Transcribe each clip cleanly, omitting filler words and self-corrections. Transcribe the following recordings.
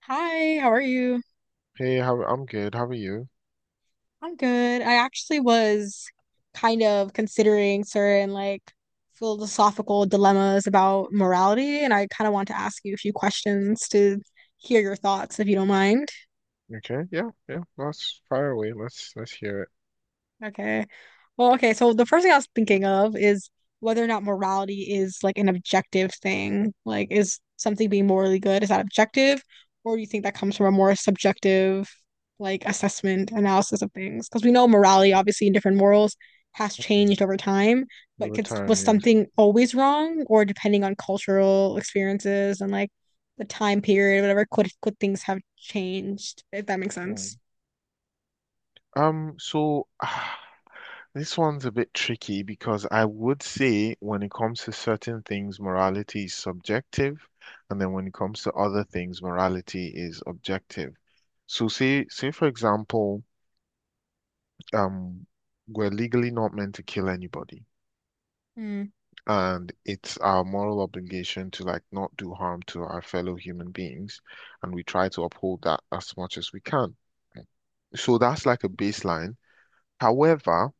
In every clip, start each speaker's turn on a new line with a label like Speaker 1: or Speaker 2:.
Speaker 1: Hi, how are you?
Speaker 2: Hey, how I'm good. How are you?
Speaker 1: I'm good. I actually was kind of considering certain philosophical dilemmas about morality, and I kind of want to ask you a few questions to hear your thoughts, if you don't mind.
Speaker 2: Okay, yeah, yeah. Let's fire away. Let's hear it.
Speaker 1: Okay. So the first thing I was thinking of is whether or not morality is like an objective thing. Like, is something being morally good, is that objective? Or do you think that comes from a more subjective, like, assessment, analysis of things? Because we know morality, obviously, in different morals has
Speaker 2: Mm.
Speaker 1: changed over time, but
Speaker 2: Over time,
Speaker 1: was
Speaker 2: yes.
Speaker 1: something always wrong? Or depending on cultural experiences and like the time period, whatever, could things have changed, if that makes sense?
Speaker 2: Mm. So ah, this one's a bit tricky because I would say when it comes to certain things, morality is subjective, and then when it comes to other things, morality is objective. So say for example, um, we're legally not meant to kill anybody,
Speaker 1: Mm,
Speaker 2: and it's our moral obligation to like not do harm to our fellow human beings, and we try to uphold that as much as we can. So that's like a baseline. However,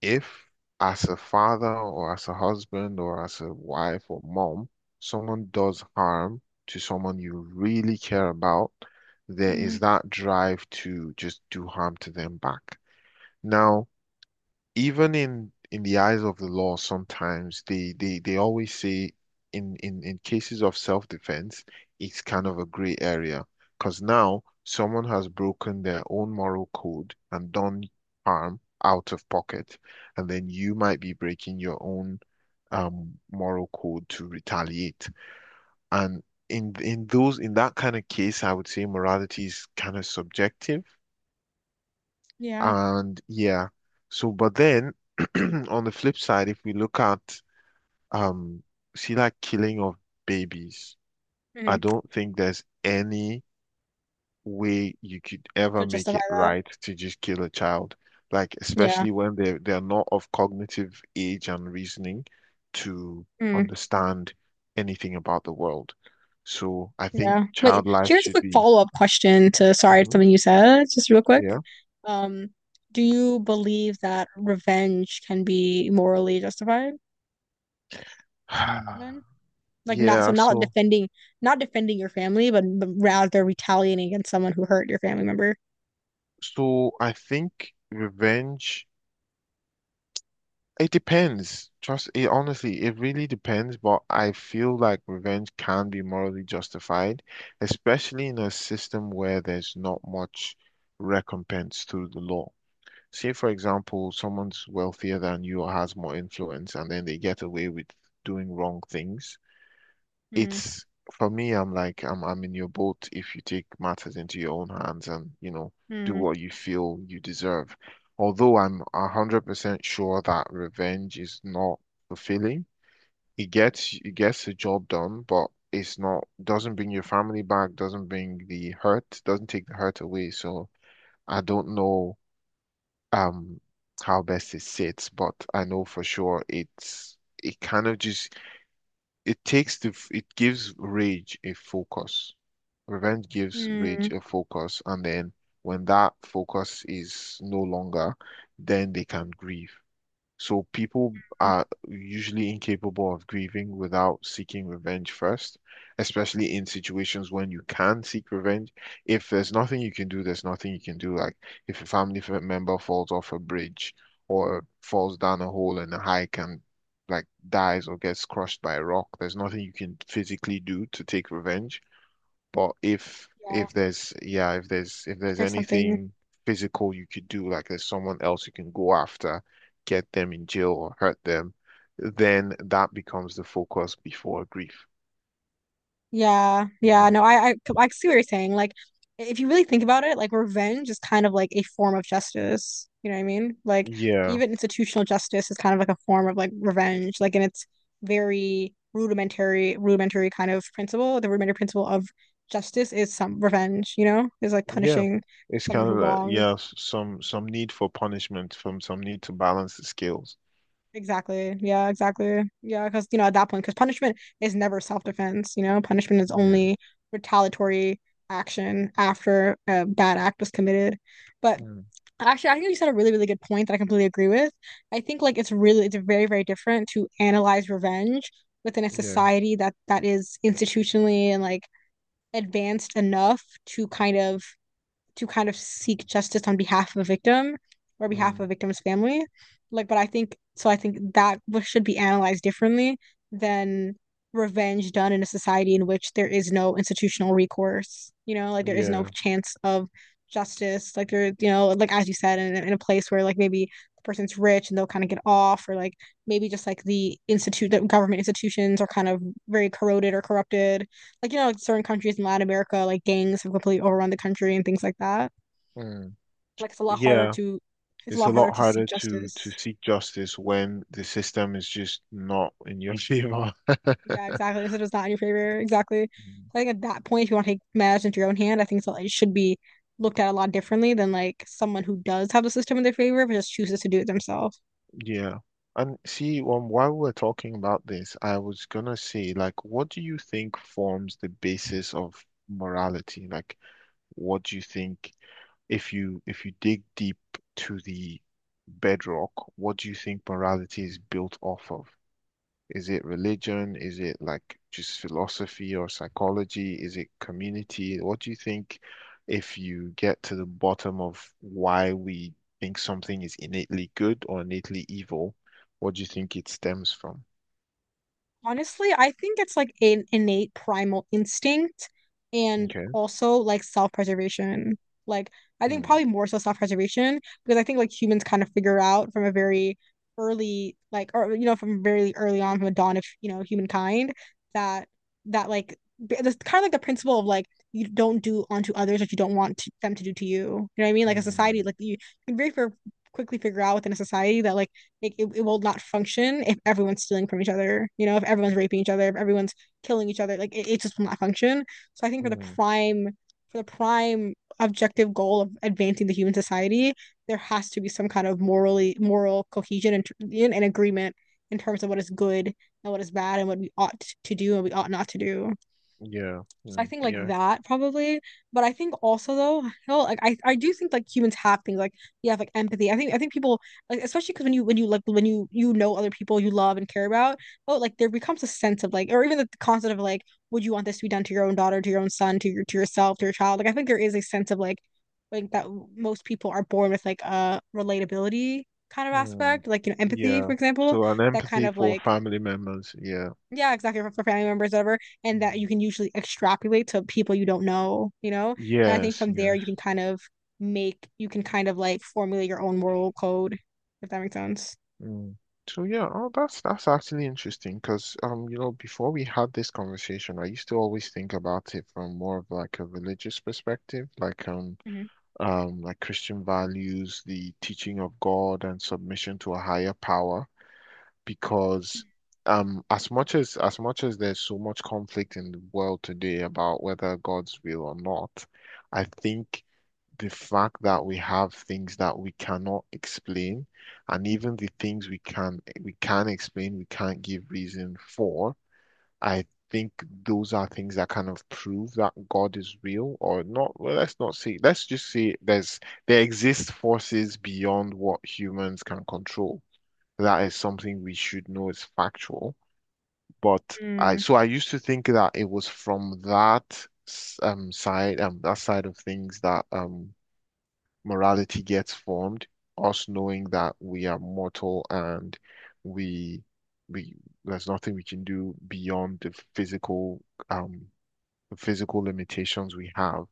Speaker 2: if as a father or as a husband or as a wife or mom, someone does harm to someone you really care about, there
Speaker 1: mm,
Speaker 2: is that drive to just do harm to them back. Now, even in the eyes of the law, sometimes they always say in cases of self-defense, it's kind of a gray area because now someone has broken their own moral code and done harm out of pocket, and then you might be breaking your own moral code to retaliate. And in those in that kind of case, I would say morality is kind of subjective
Speaker 1: yeah.
Speaker 2: and yeah, so but then on the flip side, if we look at um see like killing of babies, I
Speaker 1: Mhm.
Speaker 2: don't think there's any way you could ever
Speaker 1: To
Speaker 2: make
Speaker 1: justify
Speaker 2: it
Speaker 1: that.
Speaker 2: right to just kill a child. Like
Speaker 1: Yeah.
Speaker 2: especially when they're not of cognitive age and reasoning to
Speaker 1: Mm,
Speaker 2: understand anything about the world. So I think
Speaker 1: yeah. Wait,
Speaker 2: child life
Speaker 1: here's a
Speaker 2: should
Speaker 1: quick
Speaker 2: be.
Speaker 1: follow-up question to, sorry,
Speaker 2: Mhm.
Speaker 1: something you said, just real quick.
Speaker 2: Yeah.
Speaker 1: Um, do you believe that revenge can be morally justified then? Like not so
Speaker 2: Yeah,
Speaker 1: not
Speaker 2: so
Speaker 1: defending not defending your family, but rather retaliating against someone who hurt your family member.
Speaker 2: so I think revenge, it depends. Trust it, honestly, it really depends, but I feel like revenge can be morally justified, especially in a system where there's not much recompense through the law. Say, for example, someone's wealthier than you or has more influence, and then they get away with doing wrong things.
Speaker 1: Hmm.
Speaker 2: It's for me, I'm like I'm in your boat if you take matters into your own hands and, you know, do
Speaker 1: Hmm.
Speaker 2: what you feel you deserve. Although I'm 100% sure that revenge is not fulfilling. It gets the job done, but it's not doesn't bring your family back, doesn't bring the hurt, doesn't take the hurt away. So I don't know um how best it sits, but I know for sure it's it kind of just it takes the it gives rage a focus. Revenge gives
Speaker 1: Hmm.
Speaker 2: Rage a focus, and then when that focus is no longer, then they can grieve. So people are usually incapable of grieving without seeking revenge first, especially in situations when you can seek revenge. If there's nothing you can do, there's nothing you can do. Like if a family member falls off a bridge or falls down a hole in a hike and like dies or gets crushed by a rock, there's nothing you can physically do to take revenge. But if
Speaker 1: Yeah.
Speaker 2: if there's yeah, if there's
Speaker 1: There's something.
Speaker 2: anything physical you could do, like there's someone else you can go after, get them in jail or hurt them, then that becomes the focus before grief.
Speaker 1: Yeah, yeah,
Speaker 2: Mhm.
Speaker 1: no, I see what you're saying. Like, if you really think about it, like revenge is kind of like a form of justice. You know what I mean? Like,
Speaker 2: Yeah,
Speaker 1: even institutional justice is kind of like a form of like revenge. Like, and it's rudimentary kind of principle. The rudimentary principle of justice is some revenge. You know, is like
Speaker 2: yeah.
Speaker 1: punishing
Speaker 2: It's
Speaker 1: someone
Speaker 2: kind
Speaker 1: who
Speaker 2: of like
Speaker 1: wronged.
Speaker 2: yeah, some need for punishment, from some need to balance the scales.
Speaker 1: Exactly. Yeah, exactly. Yeah, because you know at that point, because punishment is never self-defense. You know, punishment is
Speaker 2: Yeah.
Speaker 1: only retaliatory action after a bad act was committed. But
Speaker 2: Mm,
Speaker 1: actually, I think you said a really good point that I completely agree with. I think like it's really, it's very different to analyze revenge within a
Speaker 2: yeah.
Speaker 1: society that is institutionally and like advanced enough to kind of seek justice on behalf of a victim or behalf of
Speaker 2: Mm,
Speaker 1: a victim's family. Like, but I think so. I think that w- should be analyzed differently than revenge done in a society in which there is no institutional recourse. You know, like there is no
Speaker 2: yeah.
Speaker 1: chance of justice. Like there, you know, like as you said, in a place where like maybe the person's rich and they'll kind of get off, or like maybe just like the institute, the government institutions are kind of very corroded or corrupted, like you know, like certain countries in Latin America, like gangs have completely overrun the country and things like that.
Speaker 2: Mm,
Speaker 1: Like it's a lot harder
Speaker 2: yeah.
Speaker 1: to, it's a
Speaker 2: It's a
Speaker 1: lot harder
Speaker 2: lot
Speaker 1: to
Speaker 2: harder
Speaker 1: seek
Speaker 2: to
Speaker 1: justice.
Speaker 2: seek justice when the system is just not in your favor.
Speaker 1: Yeah, exactly. So it's not in your favor. Exactly.
Speaker 2: Mm.
Speaker 1: So I think at that point, if you want to take matters into your own hand, I think so, it should be looked at a lot differently than like someone who does have the system in their favor but just chooses to do it themselves.
Speaker 2: Yeah. And see, while we're talking about this, I was gonna say, like, what do you think forms the basis of morality? Like, what do you think if you dig deep to the bedrock, what do you think morality is built off of? Is it religion? Is it like just philosophy or psychology? Is it community? What do you think if you get to the bottom of why we think something is innately good or innately evil, what do you think it stems from?
Speaker 1: Honestly, I think it's like an innate primal instinct and
Speaker 2: Okay.
Speaker 1: also like self-preservation. Like, I think
Speaker 2: Hmm.
Speaker 1: probably more so self-preservation because I think like humans kind of figure out from a very or you know, from very early on, from the dawn of, you know, humankind that, that like, that's kind of like the principle of like, you don't do unto others what you don't want to, them to do to you. You know what I mean? Like, a society,
Speaker 2: Hmm.
Speaker 1: like, you can quickly figure out within a society that like, it will not function if everyone's stealing from each other, you know, if everyone's raping each other, if everyone's killing each other, it just will not function. So I think
Speaker 2: Hmm.
Speaker 1: for the prime objective goal of advancing the human society, there has to be some kind of moral cohesion and agreement in terms of what is good and what is bad and what we ought to do and we ought not to do.
Speaker 2: Yeah.
Speaker 1: So I
Speaker 2: Hmm.
Speaker 1: think like
Speaker 2: Yeah.
Speaker 1: that probably. But I think also though, hell, like I do think like humans have things like you have like empathy. I think people like especially because when you when you know other people you love and care about, oh like there becomes a sense of like or even the concept of like would you want this to be done to your own daughter, to your own son, to your to yourself, to your child? Like I think there is a sense of like that most people are born with like a relatability kind of
Speaker 2: Hmm.
Speaker 1: aspect, like you know empathy
Speaker 2: Yeah.
Speaker 1: for example,
Speaker 2: So an
Speaker 1: that kind
Speaker 2: empathy
Speaker 1: of
Speaker 2: for
Speaker 1: like
Speaker 2: family members. Yeah.
Speaker 1: yeah, exactly for family members, whatever, and that you
Speaker 2: Hmm.
Speaker 1: can usually extrapolate to people you don't know, you know. And I think
Speaker 2: Yes.
Speaker 1: from there
Speaker 2: Yes.
Speaker 1: you can kind of make you can kind of like formulate your own moral code, if that makes sense.
Speaker 2: Mm. So yeah, oh, that's actually interesting because you know, before we had this conversation, I used to always think about it from more of like a religious perspective,
Speaker 1: Mhm.
Speaker 2: like Christian values, the teaching of God, and submission to a higher power. Because as much as there's so much conflict in the world today about whether God's will or not, I think the fact that we have things that we cannot explain, and even the things we can explain, we can't give reason for, I think those are things that kind of prove that God is real or not. Well, let's not say, let's just say there's there exist forces beyond what humans can control. That is something we should know is factual. But I
Speaker 1: Mm.
Speaker 2: so I used to think that it was from that side that side of things that morality gets formed, us knowing that we are mortal and we we there's nothing we can do beyond um the physical limitations we have.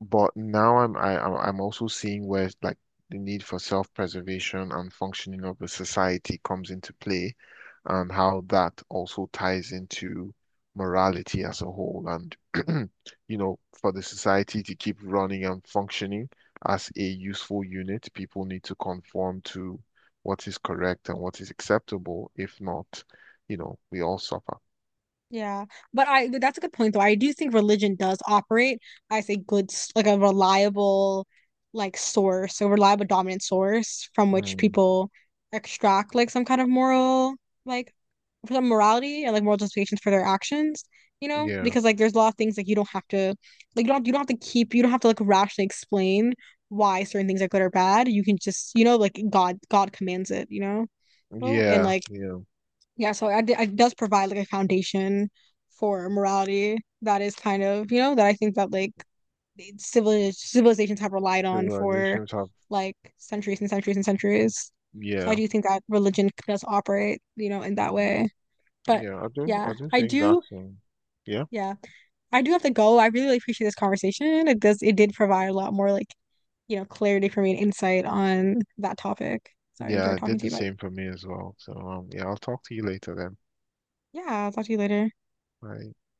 Speaker 2: But now I'm I, I'm also seeing where like the need for self-preservation and functioning of the society comes into play, and how that also ties into morality as a whole. And you know, for the society to keep running and functioning as a useful unit, people need to conform to what is correct and what is acceptable. If not, you know, we all suffer.
Speaker 1: Yeah, but I that's a good point though. I do think religion does operate as a good, s- like a reliable, like source, a reliable dominant source from which
Speaker 2: Mm,
Speaker 1: people extract like some kind of moral, like some morality and like moral justifications for their actions. You know,
Speaker 2: yeah,
Speaker 1: because like there's a lot of things like you don't have to, like you don't have to keep you don't have to like rationally explain why certain things are good or bad. You can just you know like God commands it. You know, oh, and
Speaker 2: yeah,
Speaker 1: like
Speaker 2: yeah.
Speaker 1: yeah, so I d- it does provide like a foundation for morality that is kind of, you know, that I think that like civilizations have relied on for
Speaker 2: Civilizations have,
Speaker 1: like centuries and centuries and centuries. So I
Speaker 2: yeah.
Speaker 1: do think that religion does operate, you know, in that
Speaker 2: Mm.
Speaker 1: way. But
Speaker 2: Yeah, I do.
Speaker 1: yeah,
Speaker 2: I do think that's yeah,
Speaker 1: yeah, I do have to go. I really, appreciate this conversation. It does, it did provide a lot more like, you know, clarity for me and insight on that topic. So I
Speaker 2: yeah.
Speaker 1: enjoyed
Speaker 2: I
Speaker 1: talking
Speaker 2: did
Speaker 1: to
Speaker 2: the
Speaker 1: you about it.
Speaker 2: same for me as well. So yeah, I'll talk to you later then.
Speaker 1: Yeah, I'll talk to you later.
Speaker 2: Bye.